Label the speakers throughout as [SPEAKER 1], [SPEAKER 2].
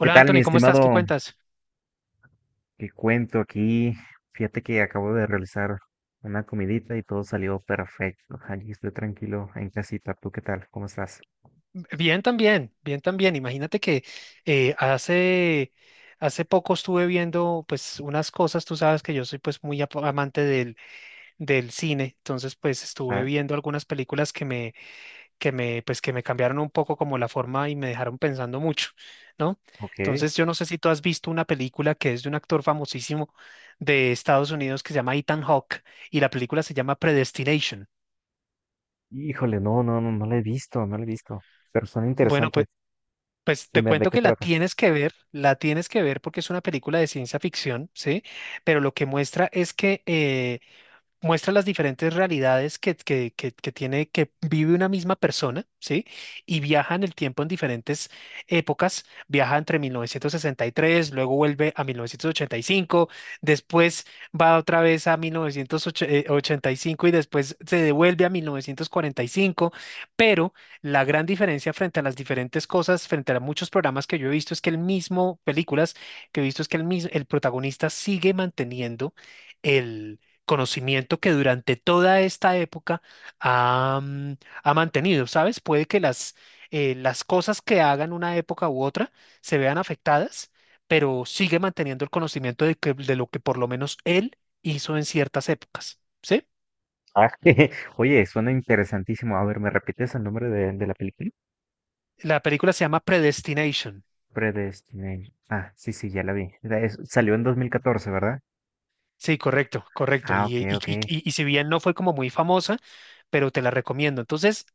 [SPEAKER 1] ¿Qué tal, mi
[SPEAKER 2] Anthony, ¿cómo estás? ¿Qué
[SPEAKER 1] estimado?
[SPEAKER 2] cuentas?
[SPEAKER 1] ¿Qué cuento aquí? Fíjate que acabo de realizar una comidita y todo salió perfecto. Allí estoy tranquilo en casita. ¿Tú qué tal? ¿Cómo estás?
[SPEAKER 2] Bien también, bien también. Imagínate que eh, hace, hace poco estuve viendo pues unas cosas, tú sabes que yo soy pues muy amante del cine, entonces pues estuve
[SPEAKER 1] Ah,
[SPEAKER 2] viendo algunas películas pues que me cambiaron un poco como la forma y me dejaron pensando mucho, ¿no?
[SPEAKER 1] ok.
[SPEAKER 2] Entonces yo no sé si tú has visto una película que es de un actor famosísimo de Estados Unidos que se llama Ethan Hawke y la película se llama Predestination.
[SPEAKER 1] Híjole, no, no, no, no lo he visto, no lo he visto. Pero suena
[SPEAKER 2] Bueno,
[SPEAKER 1] interesante.
[SPEAKER 2] pues te
[SPEAKER 1] Dime, ¿de
[SPEAKER 2] cuento
[SPEAKER 1] qué
[SPEAKER 2] que la
[SPEAKER 1] trata?
[SPEAKER 2] tienes que ver, la tienes que ver porque es una película de ciencia ficción, ¿sí? Pero lo que muestra es que muestra las diferentes realidades que tiene, que vive una misma persona, ¿sí? Y viaja en el tiempo en diferentes épocas, viaja entre mil novecientos sesenta y tres, luego vuelve a mil novecientos ochenta y cinco, después va otra vez a mil novecientos ochenta y cinco y después se devuelve a mil novecientos cuarenta y cinco, pero la gran diferencia frente a las diferentes cosas, frente a muchos programas que yo he visto, es que el mismo, películas que he visto, es que el protagonista sigue manteniendo el conocimiento que durante toda esta época ha, mm, ha mantenido, ¿sabes? Puede que las cosas que hagan una época u otra se vean afectadas, pero sigue manteniendo el conocimiento de lo que por lo menos él hizo en ciertas épocas, ¿sí?
[SPEAKER 1] Ah, Oye, suena interesantísimo. A ver, ¿me repites el nombre de la película?
[SPEAKER 2] La película se llama Predestination.
[SPEAKER 1] Predestination. Ah, sí, sí, ya la vi. Salió en 2014, ¿verdad?
[SPEAKER 2] Sí, correcto, correcto.
[SPEAKER 1] Ah,
[SPEAKER 2] Y,
[SPEAKER 1] ok,
[SPEAKER 2] y,
[SPEAKER 1] ok.
[SPEAKER 2] y, y y si bien no fue como muy famosa, pero te la recomiendo. Entonces,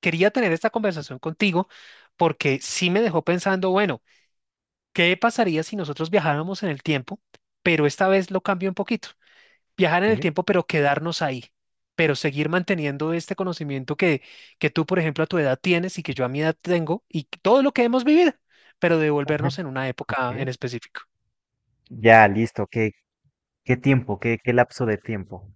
[SPEAKER 2] quería tener esta conversación contigo porque sí me dejó pensando, bueno, ¿qué pasaría si nosotros viajáramos en el tiempo, pero esta vez lo cambio un poquito? Viajar en el
[SPEAKER 1] Sí,
[SPEAKER 2] tiempo, pero quedarnos ahí, pero seguir manteniendo este conocimiento que tú, por ejemplo, a tu edad tienes y que yo a mi edad tengo todo lo que hemos vivido, pero
[SPEAKER 1] ajá,
[SPEAKER 2] devolvernos en una época
[SPEAKER 1] ok.
[SPEAKER 2] en específico.
[SPEAKER 1] Ya, listo, ok. ¿Qué tiempo? ¿Qué lapso de tiempo?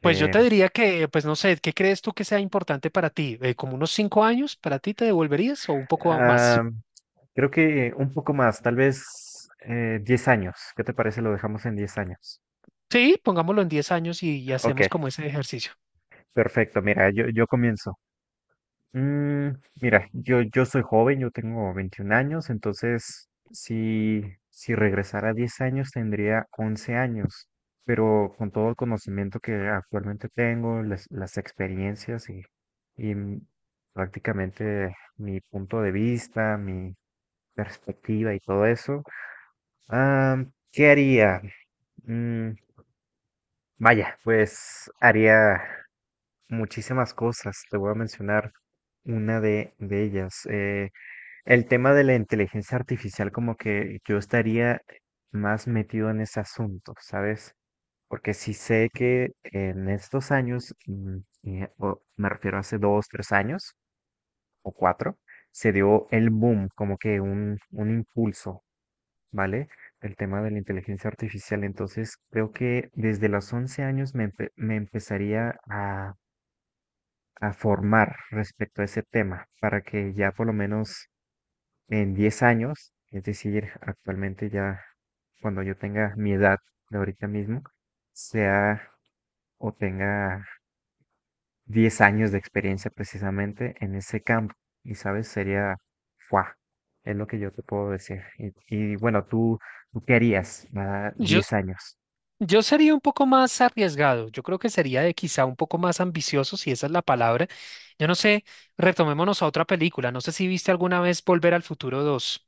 [SPEAKER 2] Pues yo te diría que, pues no sé, ¿qué crees tú que sea importante para ti? ¿Como unos cinco años para ti te devolverías o un poco más?
[SPEAKER 1] ah, Creo que un poco más, tal vez 10 años. ¿Qué te parece? Lo dejamos en 10 años.
[SPEAKER 2] Sí, pongámoslo en diez años y
[SPEAKER 1] Ok,
[SPEAKER 2] hacemos como ese ejercicio.
[SPEAKER 1] perfecto. Mira, yo comienzo. Mm, Mira, yo soy joven, yo tengo 21 años, entonces si regresara 10 años tendría 11 años, pero con todo el conocimiento que actualmente tengo, las experiencias y prácticamente mi punto de vista, mi perspectiva y todo eso, ah, ¿qué haría? Mm, Vaya, pues haría muchísimas cosas, te voy a mencionar una de ellas. El tema de la inteligencia artificial, como que yo estaría más metido en ese asunto, ¿sabes? Porque sí sé que en estos años, o me refiero a hace dos, tres años o cuatro, se dio el boom, como que un impulso, ¿vale? El tema de la inteligencia artificial. Entonces, creo que desde los 11 años me empezaría a formar respecto a ese tema, para que ya por lo menos en 10 años, es decir, actualmente ya cuando yo tenga mi edad de ahorita mismo, sea o tenga 10 años de experiencia precisamente en ese campo. Y sabes, sería, ¡fua! Es lo que yo te puedo decir. Bueno, tú, ¿tú qué harías a
[SPEAKER 2] Yo,
[SPEAKER 1] 10 años?
[SPEAKER 2] Yo sería un poco más arriesgado, yo creo que sería de quizá un poco más ambicioso, si esa es la palabra. Yo no sé, retomémonos a otra película, no sé si viste alguna vez Volver al Futuro dos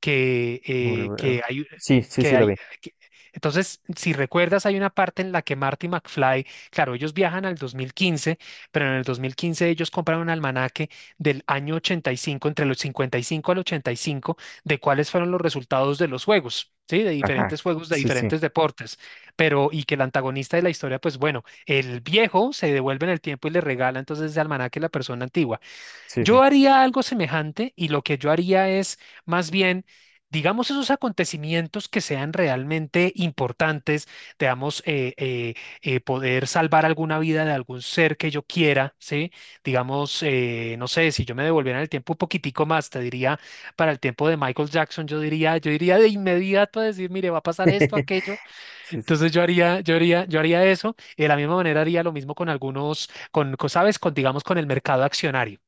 [SPEAKER 2] que, eh,
[SPEAKER 1] Volver.
[SPEAKER 2] que hay,
[SPEAKER 1] Sí, sí,
[SPEAKER 2] que
[SPEAKER 1] sí, lo
[SPEAKER 2] hay,
[SPEAKER 1] vi.
[SPEAKER 2] que- entonces, si recuerdas, hay una parte en la que Marty McFly, claro, ellos viajan al 2015, pero en el 2015 ellos compran un almanaque del año 85, entre los 55 al 85, de cuáles fueron los resultados de los juegos, ¿sí? De
[SPEAKER 1] Ajá,
[SPEAKER 2] diferentes juegos, de
[SPEAKER 1] sí, sí,
[SPEAKER 2] diferentes deportes, pero y que el antagonista de la historia, pues bueno, el viejo se devuelve en el tiempo y le regala entonces ese almanaque a la persona antigua.
[SPEAKER 1] sí,
[SPEAKER 2] Yo
[SPEAKER 1] sí.
[SPEAKER 2] haría algo semejante y lo que yo haría es más bien, digamos, esos acontecimientos que sean realmente importantes, digamos, poder salvar alguna vida de algún ser que yo quiera, ¿sí? Digamos, no sé, si yo me devolviera en el tiempo un poquitico más, te diría, para el tiempo de Michael Jackson, yo diría de inmediato a decir, mire, va a pasar esto, aquello.
[SPEAKER 1] Sí, sí.
[SPEAKER 2] Entonces yo haría eso y de la misma manera haría lo mismo con algunos, ¿sabes? Con, digamos, con el mercado accionario.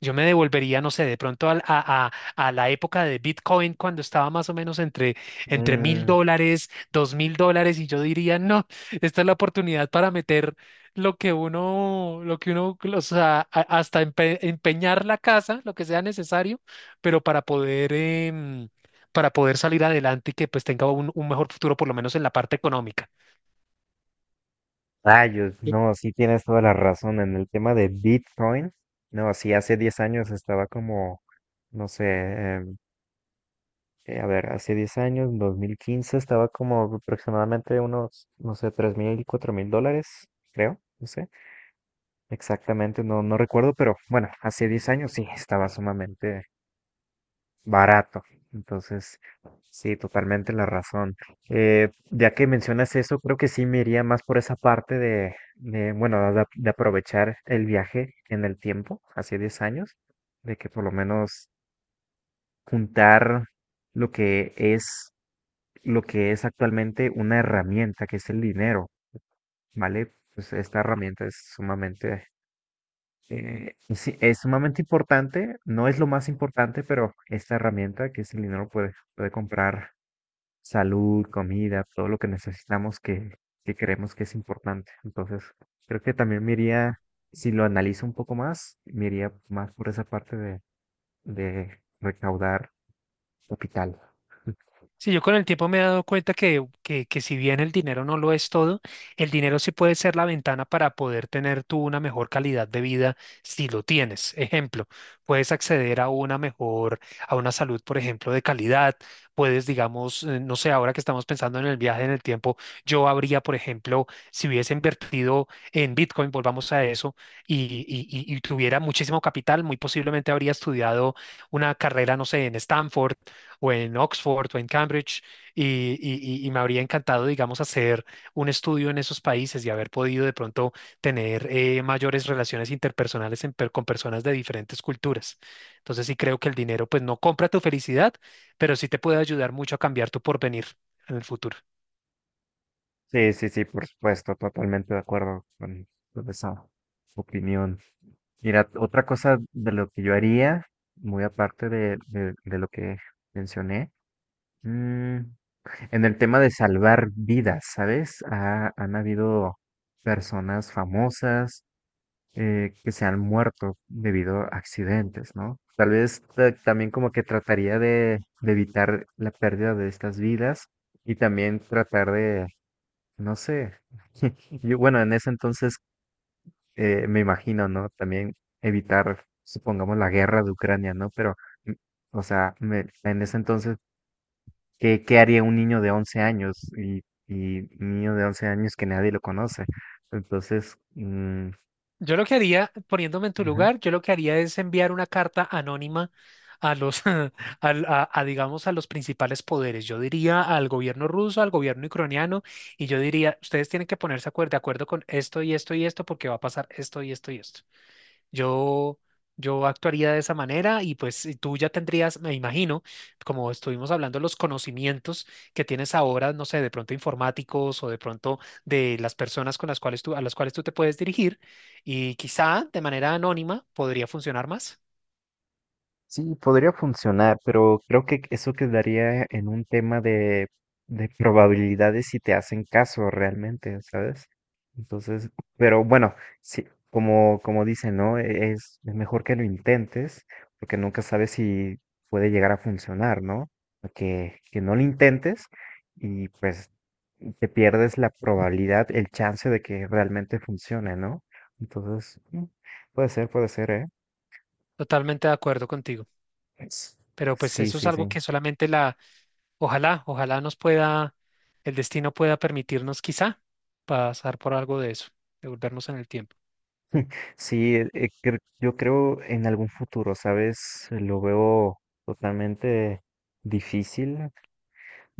[SPEAKER 2] Yo me devolvería, no sé, de pronto a la época de Bitcoin cuando estaba más o menos entre mil
[SPEAKER 1] Mm,
[SPEAKER 2] dólares, dos mil dólares, y yo diría, no, esta es la oportunidad para meter lo que uno, o sea, hasta empeñar la casa, lo que sea necesario, pero para poder, para poder salir adelante y que pues tenga un mejor futuro, por lo menos en la parte económica.
[SPEAKER 1] Rayos, no, sí tienes toda la razón en el tema de Bitcoin. No, sí, hace 10 años estaba como, no sé, em, a ver, hace 10 años, 2015, estaba como aproximadamente unos, no sé, 3 mil, 4 mil dólares, creo, no sé, exactamente, no, no recuerdo, pero bueno, hace 10 años sí, estaba sumamente barato. Entonces, sí, totalmente la razón. Ya que mencionas eso, creo que sí me iría más por esa parte bueno, de aprovechar el viaje en el tiempo, hace 10 años, de que por lo menos juntar lo que es, lo que es actualmente una herramienta, que es el dinero, ¿vale? Pues esta herramienta es sumamente sí, es sumamente importante, no es lo más importante, pero esta herramienta que es el dinero puede comprar salud, comida, todo lo que necesitamos que creemos que es importante. Entonces, creo que también me iría, si lo analizo un poco más, me iría más por esa parte de recaudar capital.
[SPEAKER 2] Sí, yo con el tiempo me he dado cuenta que, que si bien el dinero no lo es todo, el dinero sí puede ser la ventana para poder tener tú una mejor calidad de vida si lo tienes. Ejemplo, puedes acceder a una mejor, a una salud, por ejemplo, de calidad. Puedes, digamos, no sé, ahora que estamos pensando en el viaje en el tiempo, yo habría, por ejemplo, si hubiese invertido en Bitcoin, volvamos a eso, y tuviera muchísimo capital, muy posiblemente habría estudiado una carrera, no sé, en Stanford o en Oxford o en Cambridge y, y me habría encantado, digamos, hacer un estudio en esos países y haber podido de pronto tener mayores relaciones interpersonales con personas de diferentes culturas. Entonces sí creo que el dinero pues no compra tu felicidad, pero sí te puede ayudar mucho a cambiar tu porvenir en el futuro.
[SPEAKER 1] Sí, sí, sí, por supuesto, totalmente de acuerdo con esa opinión. Mira, otra cosa de lo que yo haría, muy aparte de lo que mencioné, mm, en el tema de salvar vidas, ¿sabes? Han habido personas famosas que se han muerto debido a accidentes, ¿no? Tal vez también como que trataría de evitar la pérdida de estas vidas y también tratar de, no sé, yo, bueno, en ese entonces me imagino, ¿no? También evitar, supongamos, la guerra de Ucrania, ¿no? Mm, o sea, en ese entonces ¿qué haría un niño de 11 años? Y un niño de 11 años que nadie lo conoce. Entonces, mm,
[SPEAKER 2] Yo lo que haría, poniéndome en tu lugar, yo lo que haría es enviar una carta anónima a los, a, digamos, a los principales poderes. Yo diría al gobierno ruso, al gobierno ucraniano, y yo diría, ustedes tienen que ponerse de acuerdo con esto y esto y esto porque va a pasar esto y esto y esto. Yo, yo actuaría de esa manera y pues y tú ya tendrías, me imagino, como estuvimos hablando, los conocimientos que tienes ahora, no sé, de pronto informáticos o de pronto de las personas con las cuales tú, a las cuales tú te puedes dirigir, y quizá de manera anónima podría funcionar más.
[SPEAKER 1] Sí, podría funcionar, pero creo que eso quedaría en un tema de probabilidades si te hacen caso realmente, ¿sabes? Entonces, pero bueno, sí, como, como dicen, ¿no? Es mejor que lo intentes, porque nunca sabes si puede llegar a funcionar, ¿no? Que no lo intentes y pues te pierdes la probabilidad, el chance de que realmente funcione, ¿no? Entonces, mm, Puede ser, puede ser, ¿eh?
[SPEAKER 2] Totalmente de acuerdo contigo, pero pues
[SPEAKER 1] Sí,
[SPEAKER 2] eso es
[SPEAKER 1] sí,
[SPEAKER 2] algo
[SPEAKER 1] sí.
[SPEAKER 2] que solamente la, ojalá, ojalá nos pueda, el destino pueda permitirnos quizá pasar por algo de eso, devolvernos en el tiempo.
[SPEAKER 1] Sí, yo creo en algún futuro, ¿sabes? Lo veo totalmente difícil,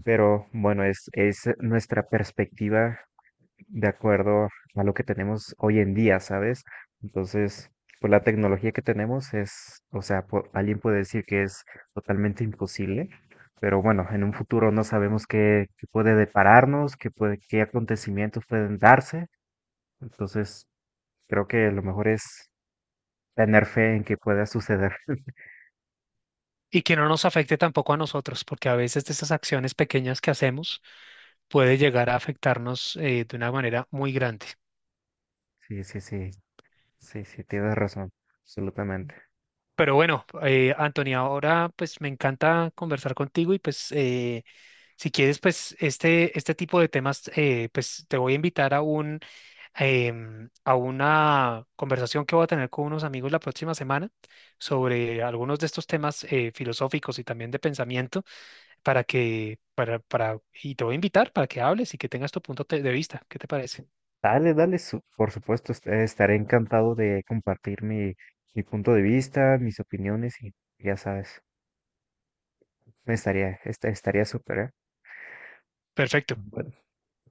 [SPEAKER 1] pero bueno, es nuestra perspectiva de acuerdo a lo que tenemos hoy en día, ¿sabes? Entonces, pues la tecnología que tenemos es, o sea, alguien puede decir que es totalmente imposible, pero bueno, en un futuro no sabemos qué puede depararnos, qué puede, qué acontecimientos pueden darse, entonces creo que lo mejor es tener fe en que pueda suceder.
[SPEAKER 2] Y que no nos afecte tampoco a nosotros, porque a veces de esas acciones pequeñas que hacemos puede llegar a afectarnos de una manera muy grande.
[SPEAKER 1] Sí, sí, sí, sí, sí, tienes razón, absolutamente.
[SPEAKER 2] Pero bueno, Antonia, ahora pues me encanta conversar contigo y pues si quieres pues este tipo de temas pues te voy a invitar a un a una conversación que voy a tener con unos amigos la próxima semana sobre algunos de estos temas filosóficos y también de pensamiento, para, y te voy a invitar para que hables y que tengas tu punto de vista. ¿Qué te parece?
[SPEAKER 1] Dale, dale, por supuesto, estaré encantado de compartir mi, mi punto de vista, mis opiniones y ya sabes, estaría súper, ¿eh?
[SPEAKER 2] Perfecto.
[SPEAKER 1] Bueno,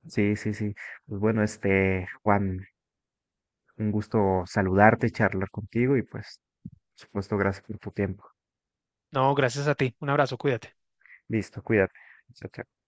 [SPEAKER 1] sí, sí, sí. Pues bueno, este, Juan, un gusto saludarte, charlar contigo y pues, por supuesto, gracias por tu tiempo.
[SPEAKER 2] No, gracias a ti. Un abrazo, cuídate.
[SPEAKER 1] Listo, cuídate. Chao, chao.